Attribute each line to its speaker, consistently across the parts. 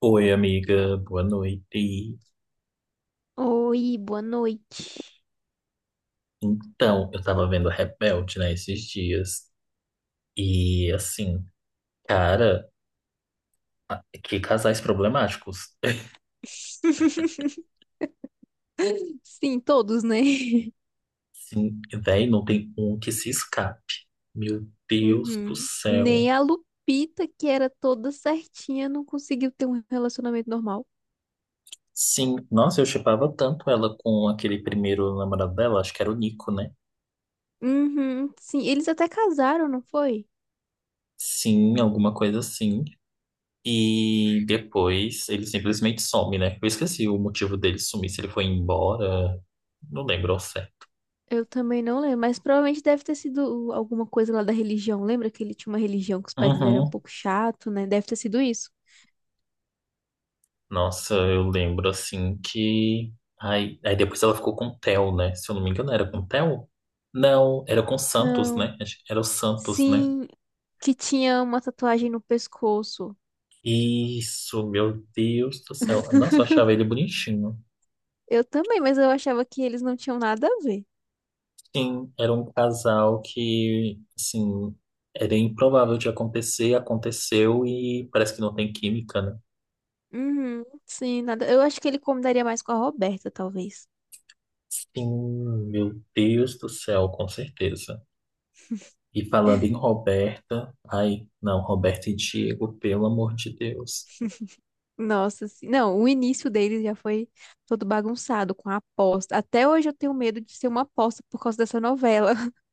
Speaker 1: Oi, amiga, boa noite.
Speaker 2: Oi, boa noite.
Speaker 1: Então, eu tava vendo Rebelde, né, esses dias. E, assim, cara, que casais problemáticos.
Speaker 2: Sim, todos, né?
Speaker 1: Sim, véi, não tem um que se escape. Meu Deus do
Speaker 2: Uhum.
Speaker 1: céu.
Speaker 2: Nem a Lupita, que era toda certinha, não conseguiu ter um relacionamento normal.
Speaker 1: Sim, nossa, eu chipava tanto ela com aquele primeiro namorado dela, acho que era o Nico, né?
Speaker 2: Uhum, sim, eles até casaram, não foi?
Speaker 1: Sim, alguma coisa assim. E depois ele simplesmente some, né? Eu esqueci o motivo dele sumir, se ele foi embora. Não lembro ao certo.
Speaker 2: Eu também não lembro, mas provavelmente deve ter sido alguma coisa lá da religião. Lembra que ele tinha uma religião que os pais dele eram um
Speaker 1: Uhum.
Speaker 2: pouco chato, né? Deve ter sido isso.
Speaker 1: Nossa, eu lembro assim que. Ai, aí depois ela ficou com o Theo, né? Se eu não me engano, era com o Theo? Não, era com o Santos,
Speaker 2: Não.
Speaker 1: né? Acho que era o Santos, né?
Speaker 2: Sim, que tinha uma tatuagem no pescoço.
Speaker 1: Isso, meu Deus do céu. Nossa, eu achava ele bonitinho.
Speaker 2: Eu também, mas eu achava que eles não tinham nada a ver.
Speaker 1: Sim, era um casal que, assim, era improvável de acontecer, aconteceu e parece que não tem química, né?
Speaker 2: Uhum, sim, nada. Eu acho que ele combinaria mais com a Roberta, talvez.
Speaker 1: Sim, meu Deus do céu, com certeza. E falando em Roberta, ai, não, Roberta e Diego, pelo amor de Deus.
Speaker 2: Nossa, sim. Não, o início dele já foi todo bagunçado com a aposta. Até hoje eu tenho medo de ser uma aposta por causa dessa novela.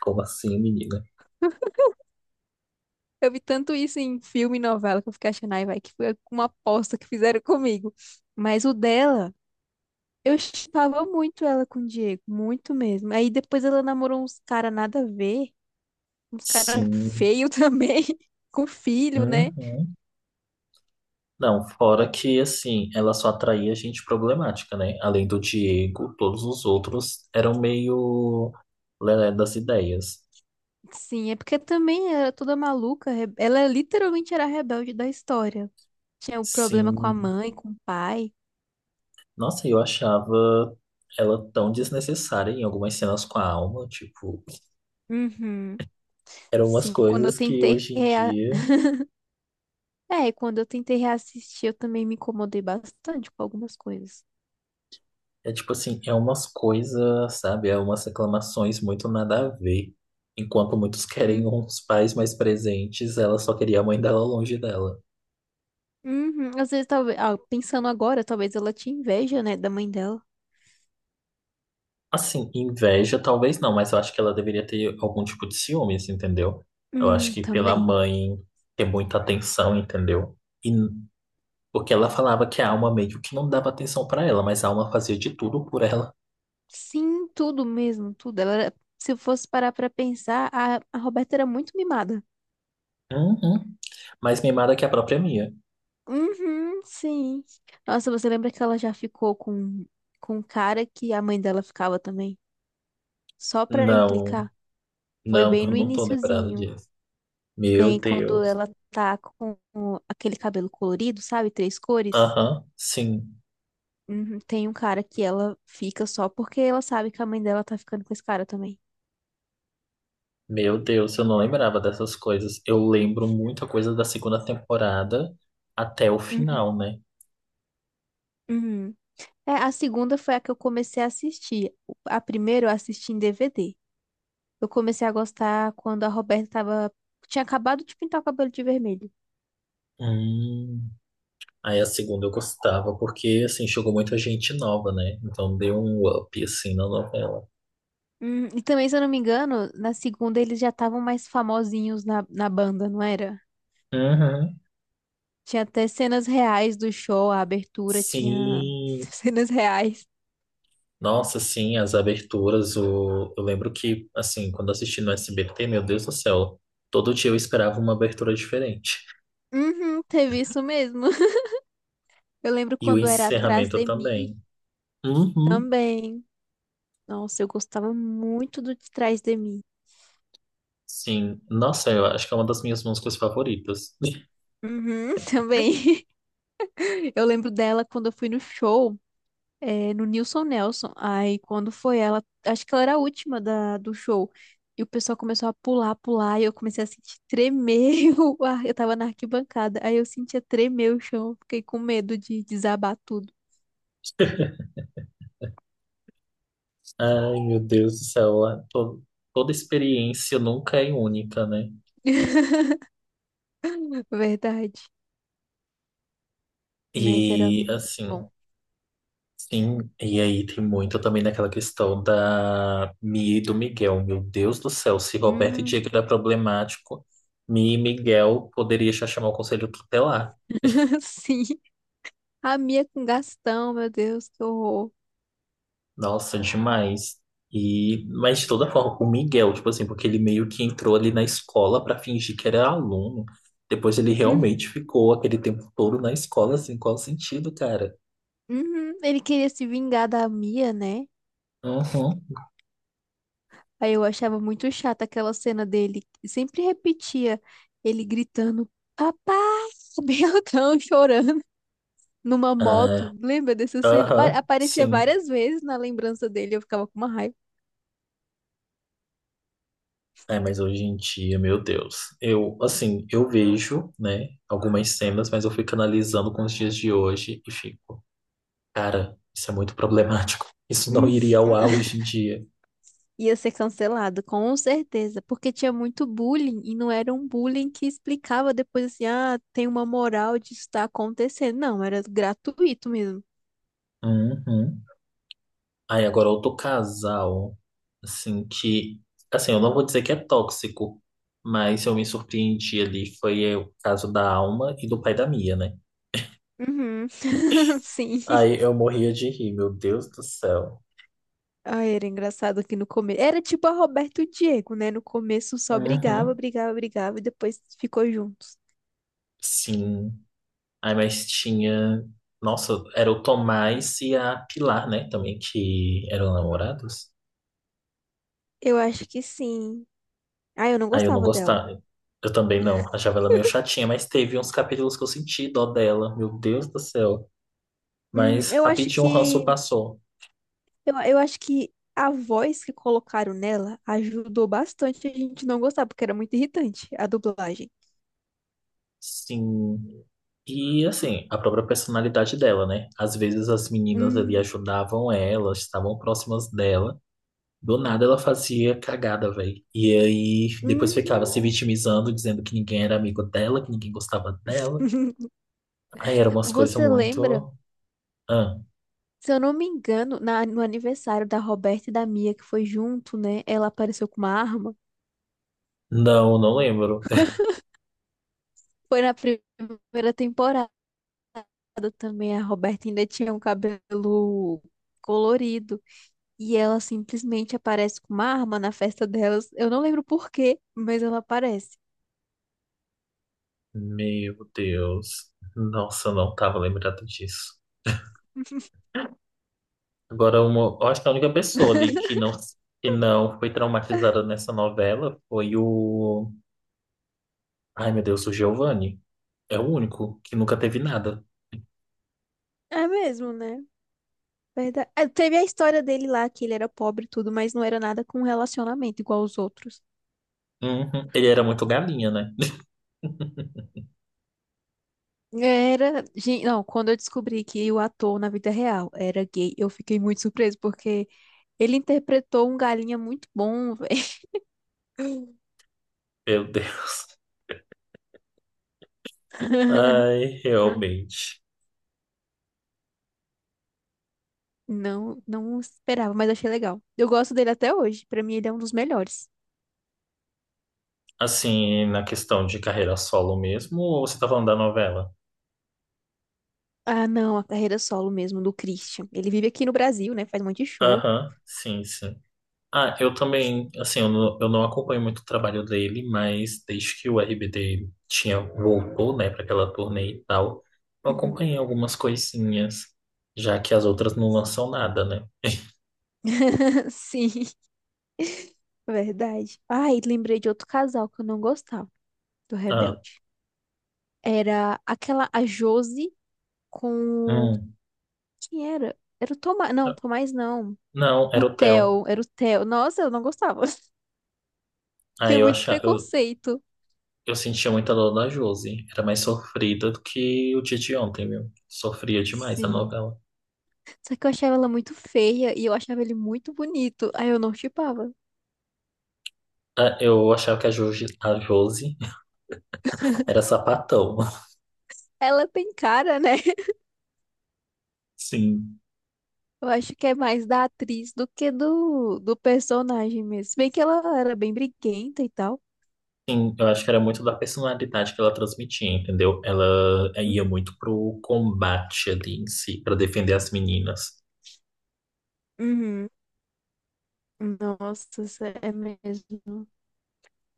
Speaker 1: Como assim, menina?
Speaker 2: Eu vi tanto isso em filme e novela que eu fiquei achando, ai, vai, que foi uma aposta que fizeram comigo. Mas o dela, eu chipava muito ela com o Diego, muito mesmo. Aí depois ela namorou uns cara nada a ver, uns cara
Speaker 1: Sim.
Speaker 2: feio também, com filho, né?
Speaker 1: Uhum. Não, fora que, assim, ela só atraía gente problemática, né? Além do Diego, todos os outros eram meio lelé das ideias.
Speaker 2: Sim, é porque também era toda maluca. Ela literalmente era a rebelde da história. Tinha o problema com a
Speaker 1: Sim.
Speaker 2: mãe, com o pai.
Speaker 1: Nossa, eu achava ela tão desnecessária em algumas cenas com a alma, tipo,
Speaker 2: Uhum.
Speaker 1: eram umas
Speaker 2: Sim, quando eu
Speaker 1: coisas que
Speaker 2: tentei
Speaker 1: hoje em
Speaker 2: rea...
Speaker 1: dia.
Speaker 2: Quando eu tentei reassistir, eu também me incomodei bastante com algumas coisas.
Speaker 1: É tipo assim, é umas coisas, sabe? É umas reclamações muito nada a ver. Enquanto muitos querem
Speaker 2: Hum.
Speaker 1: uns pais mais presentes, ela só queria a mãe dela longe dela.
Speaker 2: Uhum. Às vezes, talvez, pensando agora, talvez ela tinha inveja, né, da mãe dela.
Speaker 1: Assim, inveja talvez não, mas eu acho que ela deveria ter algum tipo de ciúmes, entendeu? Eu acho que pela
Speaker 2: Também.
Speaker 1: mãe ter muita atenção, entendeu? E n- Porque ela falava que a alma meio que não dava atenção pra ela, mas a alma fazia de tudo por ela.
Speaker 2: Sim, tudo mesmo, tudo. Se eu fosse parar pra pensar, a Roberta era muito mimada.
Speaker 1: Uhum. Mais mimada que a própria minha.
Speaker 2: Uhum, sim. Nossa, você lembra que ela já ficou com um cara que a mãe dela ficava também? Só pra
Speaker 1: Não,
Speaker 2: implicar? Foi
Speaker 1: não,
Speaker 2: bem
Speaker 1: eu
Speaker 2: no
Speaker 1: não tô lembrado
Speaker 2: iniciozinho,
Speaker 1: disso. Meu
Speaker 2: bem quando
Speaker 1: Deus.
Speaker 2: ela tá com aquele cabelo colorido, sabe? Três cores.
Speaker 1: Aham, sim.
Speaker 2: Uhum, tem um cara que ela fica só porque ela sabe que a mãe dela tá ficando com esse cara também.
Speaker 1: Meu Deus, eu não lembrava dessas coisas. Eu lembro muita coisa da segunda temporada até o
Speaker 2: Uhum,
Speaker 1: final, né?
Speaker 2: uhum. É, a segunda foi a que eu comecei a assistir. A primeira eu assisti em DVD. Eu comecei a gostar quando a Roberta tava. Tinha acabado de pintar o cabelo de vermelho.
Speaker 1: Hum. Aí a segunda eu gostava, porque assim, chegou muita gente nova, né? Então deu um up assim na novela.
Speaker 2: E também, se eu não me engano, na segunda eles já estavam mais famosinhos na banda, não era?
Speaker 1: Uhum.
Speaker 2: Tinha até cenas reais do show, a abertura tinha
Speaker 1: Sim.
Speaker 2: cenas reais.
Speaker 1: Nossa, sim, as aberturas, eu lembro que assim, quando assisti no SBT, meu Deus do céu, todo dia eu esperava uma abertura diferente.
Speaker 2: Uhum, teve isso mesmo. Eu lembro
Speaker 1: E o
Speaker 2: quando era Atrás
Speaker 1: encerramento
Speaker 2: de Mim
Speaker 1: também. Uhum.
Speaker 2: também. Nossa, eu gostava muito do de Trás de Mim.
Speaker 1: Sim, nossa, eu acho que é uma das minhas músicas favoritas.
Speaker 2: Uhum, também. Eu lembro dela quando eu fui no show. É, no Nilson Nelson. Aí quando foi ela, acho que ela era a última do show. E o pessoal começou a pular, pular, e eu comecei a sentir tremer o ar. Eu tava na arquibancada, aí eu sentia tremer o chão, fiquei com medo de desabar tudo.
Speaker 1: Ai, meu Deus do céu, toda experiência nunca é única, né?
Speaker 2: Verdade. Mas era
Speaker 1: E assim,
Speaker 2: bom.
Speaker 1: sim, e aí tem muito também naquela questão da Mi e do Miguel. Meu Deus do céu, se Roberto e
Speaker 2: Hum,
Speaker 1: Diego era problemático, Mi e Miguel poderia já chamar o conselho tutelar.
Speaker 2: sim. A Mia com Gastão, meu Deus, que horror.
Speaker 1: Nossa, demais. E, mas de toda forma, o Miguel, tipo assim, porque ele meio que entrou ali na escola pra fingir que era aluno. Depois ele
Speaker 2: Hum,
Speaker 1: realmente ficou aquele tempo todo na escola, assim, qual o sentido, cara?
Speaker 2: uhum. Ele queria se vingar da Mia, né?
Speaker 1: Uhum.
Speaker 2: Aí eu achava muito chata aquela cena dele. Sempre repetia ele gritando, papai, bem altão, chorando numa moto.
Speaker 1: Ah,
Speaker 2: Lembra dessa cena?
Speaker 1: aham,
Speaker 2: Aparecia
Speaker 1: sim.
Speaker 2: várias vezes na lembrança dele, eu ficava com uma raiva.
Speaker 1: É, mas hoje em dia, meu Deus. Eu, assim, eu vejo, né, algumas cenas, mas eu fico analisando com os dias de hoje e fico, cara, isso é muito problemático. Isso não iria ao ar hoje em dia.
Speaker 2: Ia ser cancelado, com certeza, porque tinha muito bullying e não era um bullying que explicava depois assim, ah, tem uma moral de estar acontecendo. Não, era gratuito mesmo.
Speaker 1: Uhum. Aí agora outro casal, assim, que, assim, eu não vou dizer que é tóxico, mas eu me surpreendi ali, foi o caso da Alma e do pai da Mia, né?
Speaker 2: Uhum. Sim.
Speaker 1: Aí eu morria de rir, meu Deus do céu.
Speaker 2: Ai, era engraçado que no começo. Era tipo a Roberto e o Diego, né? No começo só brigava,
Speaker 1: Uhum.
Speaker 2: brigava, brigava e depois ficou juntos.
Speaker 1: Sim. Aí mas tinha, nossa, era o Tomás e a Pilar, né, também, que eram namorados.
Speaker 2: Eu acho que sim. Ah, eu não
Speaker 1: Aí eu não
Speaker 2: gostava dela.
Speaker 1: gostava. Eu também não, achava ela meio chatinha, mas teve uns capítulos que eu senti dó dela, meu Deus do céu.
Speaker 2: Hum,
Speaker 1: Mas
Speaker 2: eu acho
Speaker 1: rapidinho o ranço
Speaker 2: que.
Speaker 1: passou.
Speaker 2: Eu acho que a voz que colocaram nela ajudou bastante a gente não gostar, porque era muito irritante a dublagem.
Speaker 1: Sim. E assim, a própria personalidade dela, né? Às vezes as meninas ali
Speaker 2: Hum,
Speaker 1: ajudavam ela, estavam próximas dela. Do nada ela fazia cagada, velho. E aí depois ficava
Speaker 2: Uhum.
Speaker 1: se vitimizando, dizendo que ninguém era amigo dela, que ninguém gostava dela. Aí eram umas coisas
Speaker 2: Você lembra?
Speaker 1: muito. Ah,
Speaker 2: Se eu não me engano, no aniversário da Roberta e da Mia, que foi junto, né? Ela apareceu com uma arma.
Speaker 1: não, não lembro.
Speaker 2: Foi na primeira temporada. Também, a Roberta ainda tinha um cabelo colorido. E ela simplesmente aparece com uma arma na festa delas. Eu não lembro por quê, mas ela aparece.
Speaker 1: Meu Deus. Nossa, eu não tava lembrado disso. Agora, uma, eu acho que a única pessoa ali que não foi traumatizada nessa novela foi o. Ai, meu Deus, o Giovanni é o único que nunca teve nada.
Speaker 2: É mesmo, né? Verdade. É, teve a história dele lá, que ele era pobre e tudo, mas não era nada com relacionamento igual os outros.
Speaker 1: Uhum. Ele era muito galinha, né?
Speaker 2: Era. Não, quando eu descobri que o ator na vida real era gay, eu fiquei muito surpresa, porque ele interpretou um galinha muito bom, velho.
Speaker 1: Meu Deus. Ai, realmente.
Speaker 2: Não, não esperava, mas achei legal. Eu gosto dele até hoje. Pra mim, ele é um dos melhores.
Speaker 1: Assim, na questão de carreira solo mesmo, ou você tá falando da novela?
Speaker 2: Ah, não, a carreira solo mesmo do Christian. Ele vive aqui no Brasil, né? Faz um monte de show.
Speaker 1: Aham, sim. Ah, eu também, assim, eu não acompanho muito o trabalho dele, mas desde que o RBD tinha, voltou, né, para aquela turnê e tal, eu
Speaker 2: Uhum.
Speaker 1: acompanhei algumas coisinhas, já que as outras não lançam nada, né?
Speaker 2: Sim, verdade. Ai, lembrei de outro casal que eu não gostava do
Speaker 1: Ah,
Speaker 2: Rebelde. Era aquela, a Josi com. O-
Speaker 1: hum.
Speaker 2: Quem era? Era o Tomás. Não, Tomás não.
Speaker 1: Não,
Speaker 2: O
Speaker 1: era o Theo.
Speaker 2: Theo, era o Theo. Nossa, eu não gostava.
Speaker 1: Ah,
Speaker 2: Tinha muito preconceito.
Speaker 1: eu sentia muita dor da Josi. Era mais sofrida do que o dia de ontem, viu? Sofria demais a
Speaker 2: Sim.
Speaker 1: novela.
Speaker 2: Só que eu achava ela muito feia e eu achava ele muito bonito. Aí eu não chipava.
Speaker 1: Ah, eu achava que a Josi era sapatão.
Speaker 2: Ela tem cara, né?
Speaker 1: Sim.
Speaker 2: Eu acho que é mais da atriz do que do personagem mesmo. Se bem que ela era bem briguenta e tal.
Speaker 1: Sim, eu acho que era muito da personalidade que ela transmitia, entendeu? Ela ia muito pro combate ali em si, pra defender as meninas.
Speaker 2: Uhum. Nossa, isso é mesmo.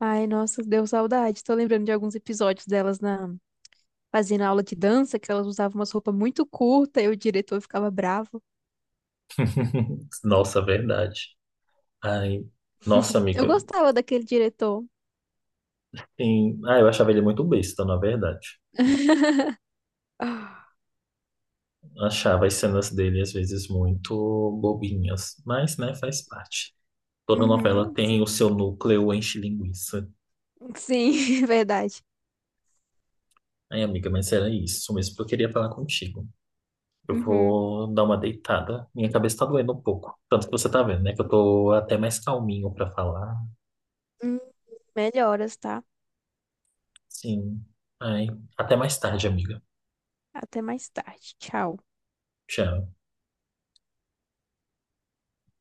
Speaker 2: Ai, nossa, deu saudade. Tô lembrando de alguns episódios delas na fazendo aula de dança, que elas usavam umas roupas muito curtas e o diretor ficava bravo.
Speaker 1: Nossa, verdade. Ai, nossa,
Speaker 2: Eu
Speaker 1: amiga.
Speaker 2: gostava daquele diretor.
Speaker 1: Sim. Ah, eu achava ele muito besta, na verdade.
Speaker 2: Ah,
Speaker 1: Achava as cenas dele às vezes muito bobinhas, mas, né, faz parte. Toda novela
Speaker 2: uhum,
Speaker 1: tem
Speaker 2: sim.
Speaker 1: o seu núcleo enche-linguiça.
Speaker 2: Sim, verdade.
Speaker 1: Ai, amiga, mas era isso mesmo que eu queria falar contigo. Eu
Speaker 2: Uhum.
Speaker 1: vou dar uma deitada. Minha cabeça tá doendo um pouco. Tanto que você tá vendo, né, que eu tô até mais calminho pra falar.
Speaker 2: Hum, melhoras, tá?
Speaker 1: Sim. Ai, até mais tarde, amiga.
Speaker 2: Até mais tarde. Tchau.
Speaker 1: Tchau.